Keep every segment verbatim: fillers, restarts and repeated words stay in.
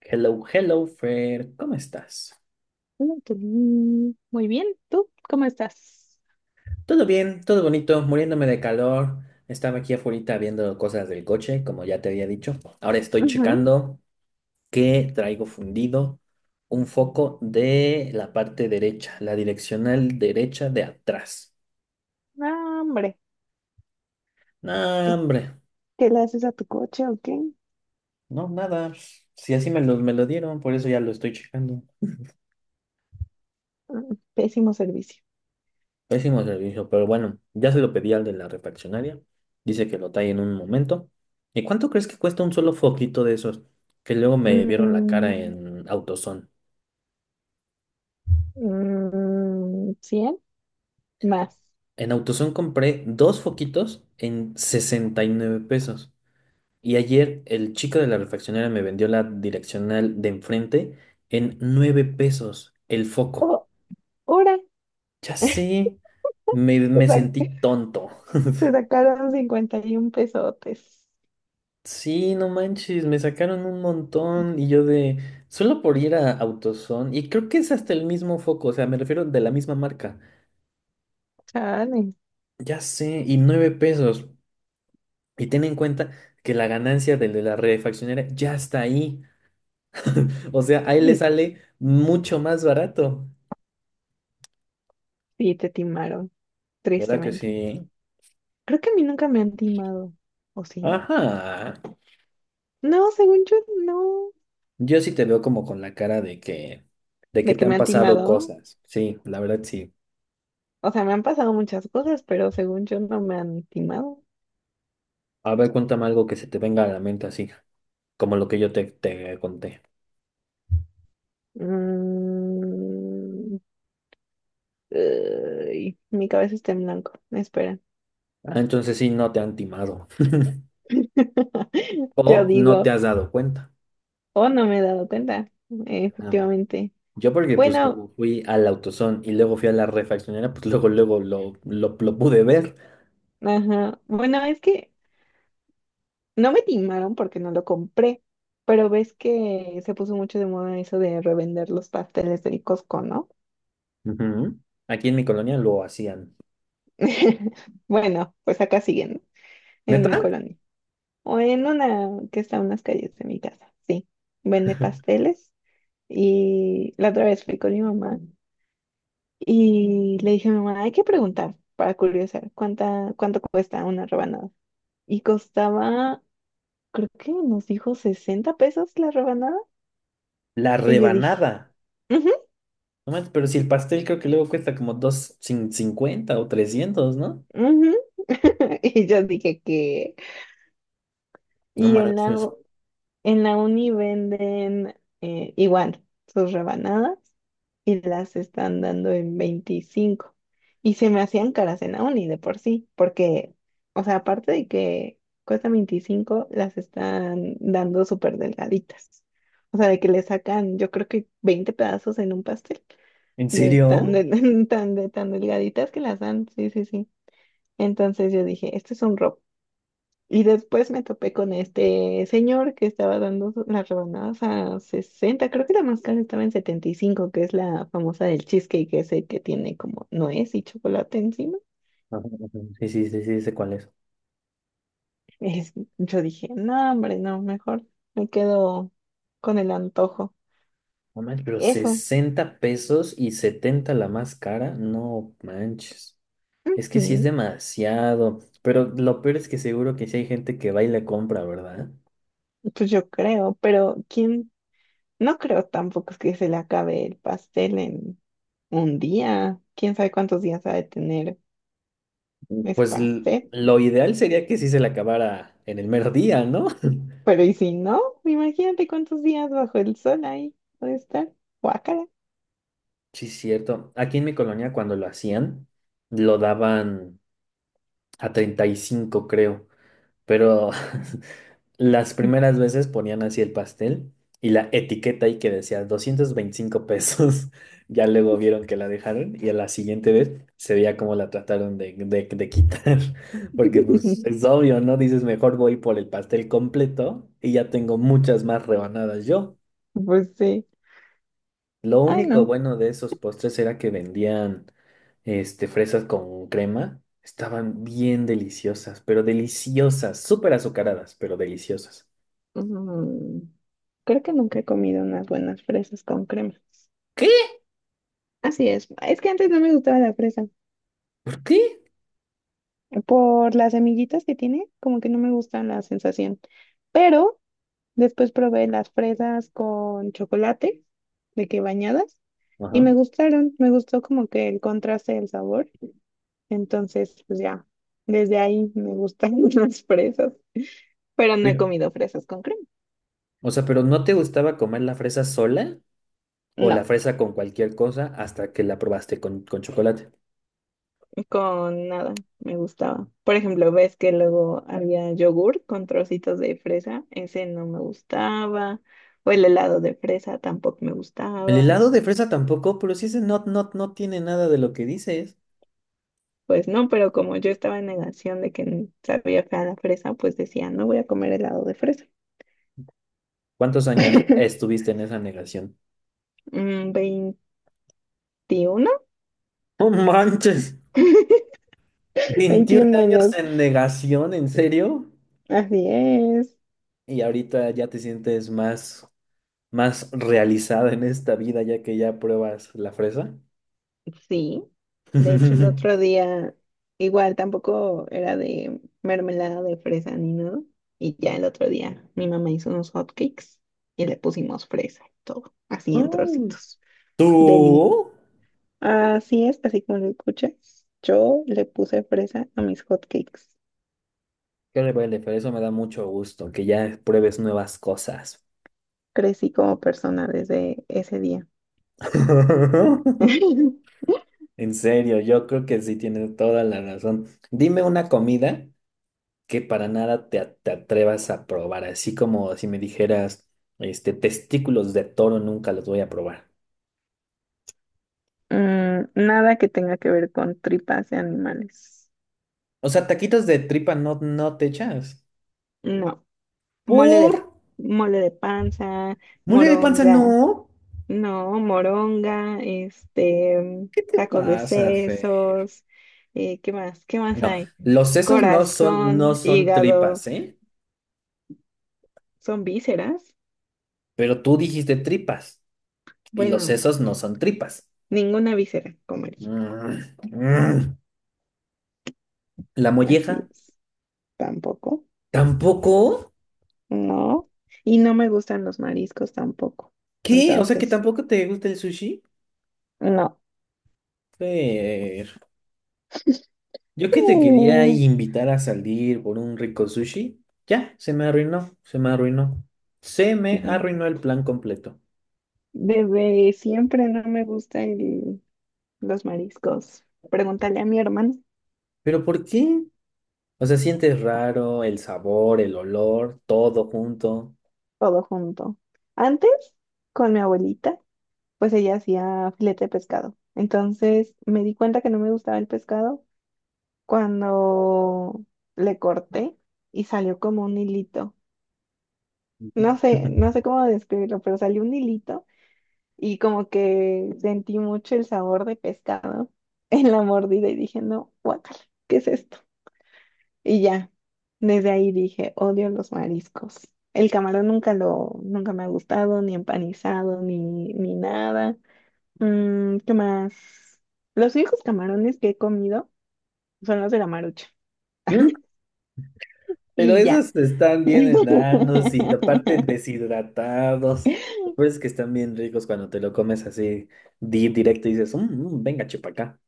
Hello, hello, Fer, ¿cómo estás? Mm, qué bien. Muy bien, ¿tú cómo estás? Todo bien, todo bonito, muriéndome de calor. Estaba aquí afuera viendo cosas del coche, como ya te había dicho. Ahora estoy Ujú. checando que traigo fundido un foco de la parte derecha, la direccional derecha de atrás. No, hombre, No, hombre, ¿qué le haces a tu coche o qué? no, nada. Si así me lo, me lo dieron, por eso ya lo estoy checando. Mm, Pésimo servicio. Pésimo servicio, pero bueno, ya se lo pedí al de la refaccionaria. Dice que lo trae en un momento. ¿Y cuánto crees que cuesta un solo foquito de esos? Que luego me vieron la cara Mm, en AutoZone. mm, cien más. En AutoZone compré dos foquitos en sesenta y nueve pesos. Y ayer el chico de la refaccionaria me vendió la direccional de enfrente en nueve pesos el foco. Oh, hora. Ya sé, me, Te me sa- sentí tonto. Te sacaron cincuenta y un pesotes. Sí, no manches, me sacaron un montón y yo de, solo por ir a AutoZone y creo que es hasta el mismo foco, o sea, me refiero de la misma marca, Chale. ya sé, y nueve pesos, y ten en cuenta que la ganancia del de la refaccionera ya está ahí, o sea, ahí le Mm, sale mucho más barato, Sí, te timaron, ¿verdad que tristemente. sí? Creo que a mí nunca me han timado, ¿o sí? Ajá, No, según yo, no. yo sí te veo como con la cara de que, de que ¿De te que han me han pasado timado? cosas, sí, la verdad sí, O sea, me han pasado muchas cosas, pero según yo no me han timado. a ver, cuéntame algo que se te venga a la mente así, como lo que yo te, te conté. Mm, Ay, mi cabeza está en blanco. Espera. Ah, entonces sí, no te han timado Yo o no te digo, has dado cuenta. oh, no me he dado cuenta. Eh, Ajá. Efectivamente. Yo porque pues Bueno, como fui al AutoZone y luego fui a la refaccionera, pues luego, luego lo, lo, lo pude ver. ajá. Bueno, es que no me timaron porque no lo compré. Pero ves que se puso mucho de moda eso de revender los pasteles del Costco, ¿no? Ujú. Aquí en mi colonia lo hacían. Bueno, pues acá siguen, ¿no? En mi ¿Neta? colonia. O en una que está a unas calles de mi casa, sí. Vende pasteles y la otra vez fui con mi mamá y le dije a mi mamá, hay que preguntar para curiosar cuánta, cuánto cuesta una rebanada. Y costaba, creo que nos dijo sesenta pesos la rebanada. La Y yo dije, rebanada. "Ujú, No manches, pero si el pastel creo que luego cuesta como dos cincuenta o trescientos, ¿no? ujú". Y yo dije que... No Y en manches. la, En la uni venden eh, igual sus rebanadas y las están dando en veinticinco. Y se me hacían caras en la uni de por sí, porque, o sea, aparte de que cuesta veinticinco, las están dando súper delgaditas. O sea, de que le sacan, yo creo que veinte pedazos en un pastel, ¿En de tan, serio? de, tan, de tan delgaditas que las dan. Sí, sí, sí. Entonces yo dije, este es un robo. Y después me topé con este señor que estaba dando so, las rebanadas a sesenta, creo que la más cara estaba en setenta y cinco, que es la famosa del cheesecake, que es el que tiene como nuez y chocolate encima. Ajá, ajá. Sí, sí, sí, sí, sé cuál es. Es- yo dije, no, hombre, no, mejor me quedo con el antojo. No manches, pero Eso, sesenta pesos y setenta la más cara, no manches. Es que sí es mm, demasiado. Pero lo peor es que seguro que sí hay gente que va y le compra, ¿verdad? pues yo creo, pero quién, no creo tampoco que se le acabe el pastel en un día. ¿Quién sabe cuántos días ha de tener ese Pues l- pastel? lo ideal sería que sí se la acabara en el mero día, ¿no? Pero y si no, imagínate cuántos días bajo el sol ahí puede estar. Guácala. Sí, cierto. Aquí en mi colonia cuando lo hacían, lo daban a treinta y cinco creo. Pero las primeras veces ponían así el pastel y la etiqueta ahí que decía doscientos veinticinco pesos. Ya luego vieron que la dejaron y a la siguiente vez se veía cómo la trataron de, de- de quitar. Porque pues es obvio, ¿no? Dices, mejor voy por el pastel completo y ya tengo muchas más rebanadas yo. Pues sí. Lo Ay, único no. bueno de esos postres era que vendían este, fresas con crema. Estaban bien deliciosas, pero deliciosas, súper azucaradas, pero deliciosas. Mm, Creo que nunca he comido unas buenas fresas con crema. ¿Qué? Así es. Es que antes no me gustaba la fresa. ¿Por qué? Por las semillitas que tiene, como que no me gusta la sensación. Pero después probé las fresas con chocolate, de que bañadas, y Ajá. me gustaron. Me gustó como que el contraste del sabor. Entonces, pues ya, desde ahí me gustan las fresas, pero no he Pero, comido fresas con crema. o sea, pero ¿no te gustaba comer la fresa sola o la No. fresa con cualquier cosa hasta que la probaste con, con chocolate? Con nada, me gustaba. Por ejemplo, ves que luego había yogur con trocitos de fresa, ese no me gustaba, o el helado de fresa tampoco me El gustaba. helado de fresa tampoco, pero sí ese no, no, no tiene nada de lo que dices. Pues no, pero como yo estaba en negación de que sabía fea la fresa, pues decía, no voy a comer helado de fresa. ¿Cuántos años estuviste en esa negación? Mm, Veintiuno. ¡No manches! ¿Veintiún veintiún años años. en negación, en serio? Así es. Y ahorita ya te sientes más, más realizada en esta vida ya que ya pruebas la fresa. Sí, de hecho el otro día igual tampoco era de mermelada de fresa ni nada. Y ya el otro día mi mamá hizo unos hotcakes y le pusimos fresa y todo, así en Mm. trocitos. Deli. ¿Tú? Así es, así como lo escuchas. Yo le puse fresa a mis hotcakes. Qué rebelde, pero eso me da mucho gusto, que ya pruebes nuevas cosas. Crecí como persona desde ese día. En serio, yo creo que sí tienes toda la razón. Dime una comida que para nada te, a- te atrevas a probar, así como si me dijeras, este, testículos de toro nunca los voy a probar. Mm, nada que tenga que ver con tripas de animales. O sea, taquitos de tripa no, no te echas. No. Mole ¿Por? de, mole de panza, ¿Mole de panza no? moronga, no, moronga, este, ¿Qué te tacos de pasa, Fer? sesos, eh, ¿qué más? ¿Qué más No, hay? los sesos no son, no Corazón, son hígado, tripas, ¿eh? ¿son vísceras? Pero tú dijiste tripas. Y los Bueno, sesos no son tripas. ninguna víscera comería, Mm, mm. La así molleja, es, tampoco, tampoco. no, y no me gustan los mariscos tampoco, ¿Qué? O sea que entonces, tampoco te gusta el sushi. no. Fer, yo que te quería Mm, invitar a salir por un rico sushi. Ya, se me arruinó, se me arruinó. Se me arruinó el plan completo. Desde siempre no me gusta el, los mariscos. Pregúntale a mi hermano, ¿Pero por qué? O sea, sientes raro el sabor, el olor, todo junto. todo junto. Antes, con mi abuelita, pues ella hacía filete de pescado. Entonces me di cuenta que no me gustaba el pescado cuando le corté y salió como un hilito. No sé, no sé cómo describirlo, pero salió un hilito y como que sentí mucho el sabor de pescado en la mordida y dije, no, guácala, ¿qué es esto? Y ya, desde ahí dije, odio los mariscos. El camarón nunca lo, nunca me ha gustado, ni empanizado, ni, ni nada. Mm, ¿qué más? Los únicos camarones que he comido son los de la Marucha. Pero Y ya. esos están bien enanos y aparte deshidratados. Lo peor es que están bien ricos cuando te lo comes así di directo y dices, "Mm, mm, venga, chepa acá".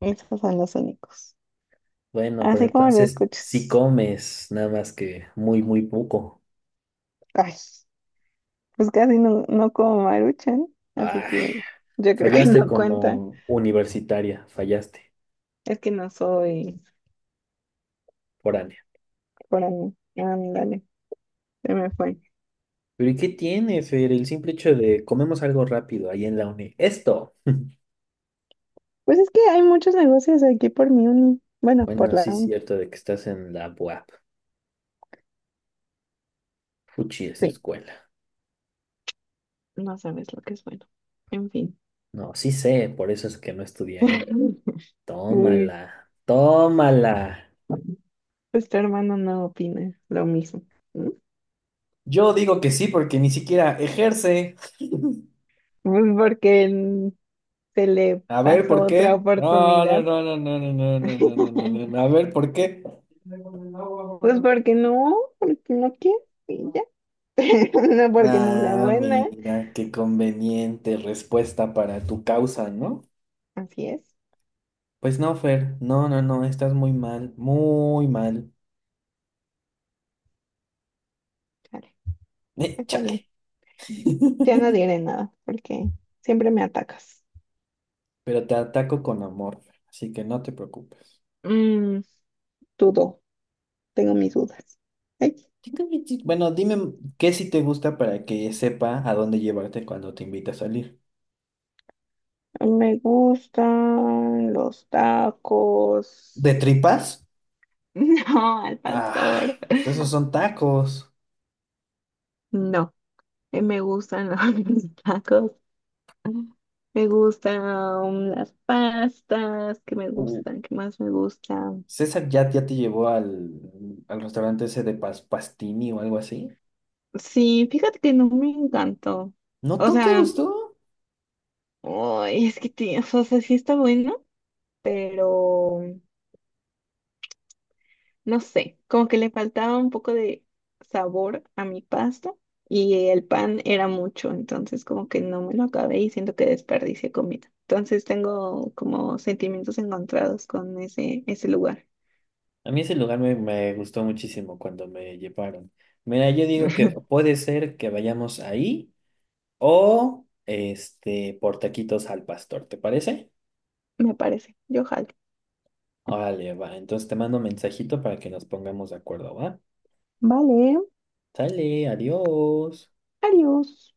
Esos son los únicos. Bueno, pero Así como lo entonces si escuchas. comes, nada más que muy, muy poco. Ay, pues casi no, no como Maruchan, así Ay, que yo creo que fallaste no cuenta. como universitaria, fallaste, Es que no soy foránea. por ahí. Ándale. Se me fue. Pero ¿y qué tiene, Fer? El simple hecho de comemos algo rápido ahí en la uni. Esto. Pues es que hay muchos negocios aquí por mi uni. Bueno, por Bueno, la sí es uni. cierto de que estás en la U A P. Fuchi, esa Sí, escuela. no sabes lo que es bueno. En fin. No, sí sé, por eso es que no estudié ahí. Uy, Tómala, tómala. pues tu hermano no opina lo mismo, ¿no? Yo digo que sí porque ni siquiera ejerce. Pues porque él se le A ver, pasó ¿por otra qué? No, no, oportunidad. no, no, no, no, no, no, no, no, no, no, no. A ver, ¿por qué? Pues porque no, porque no quiere y ya. No porque no sea Ah, buena. mira, qué conveniente respuesta para tu causa, ¿no? Así es. Pues no, Fer, no, no, no, estás muy mal, muy mal. Vale, Eh, está bien. chale. Ya no diré nada porque siempre me atacas. Pero te ataco con amor, Fer, así que no te preocupes. Mm, Dudo. Tengo mis dudas. Ay, Sí, sí. Bueno, dime qué sí te gusta para que sepa a dónde llevarte cuando te invita a salir. me gustan los tacos. ¿De tripas? No, al Ah, pastor. pues esos son tacos. No, eh, me gustan los tacos. Me gustan las pastas que me Uh, gustan, que más me gustan. César ya, ya te llevó al, al restaurante ese de pas- Pastini o algo así. Sí, fíjate que no me encantó. ¿No O tú te sea, gustó? ay, es que tiene- o sea, sí está bueno, pero no sé, como que le faltaba un poco de sabor a mi pasta y el pan era mucho, entonces como que no me lo acabé y siento que desperdicié comida. Entonces tengo como sentimientos encontrados con ese, ese lugar, A mí ese lugar me, me gustó muchísimo cuando me llevaron. Mira, yo digo que puede ser que vayamos ahí o este por taquitos al pastor, ¿te parece? me parece. Yo jalo. Órale, va. Entonces te mando un mensajito para que nos pongamos de acuerdo, ¿va? Vale, Sale, adiós. adiós.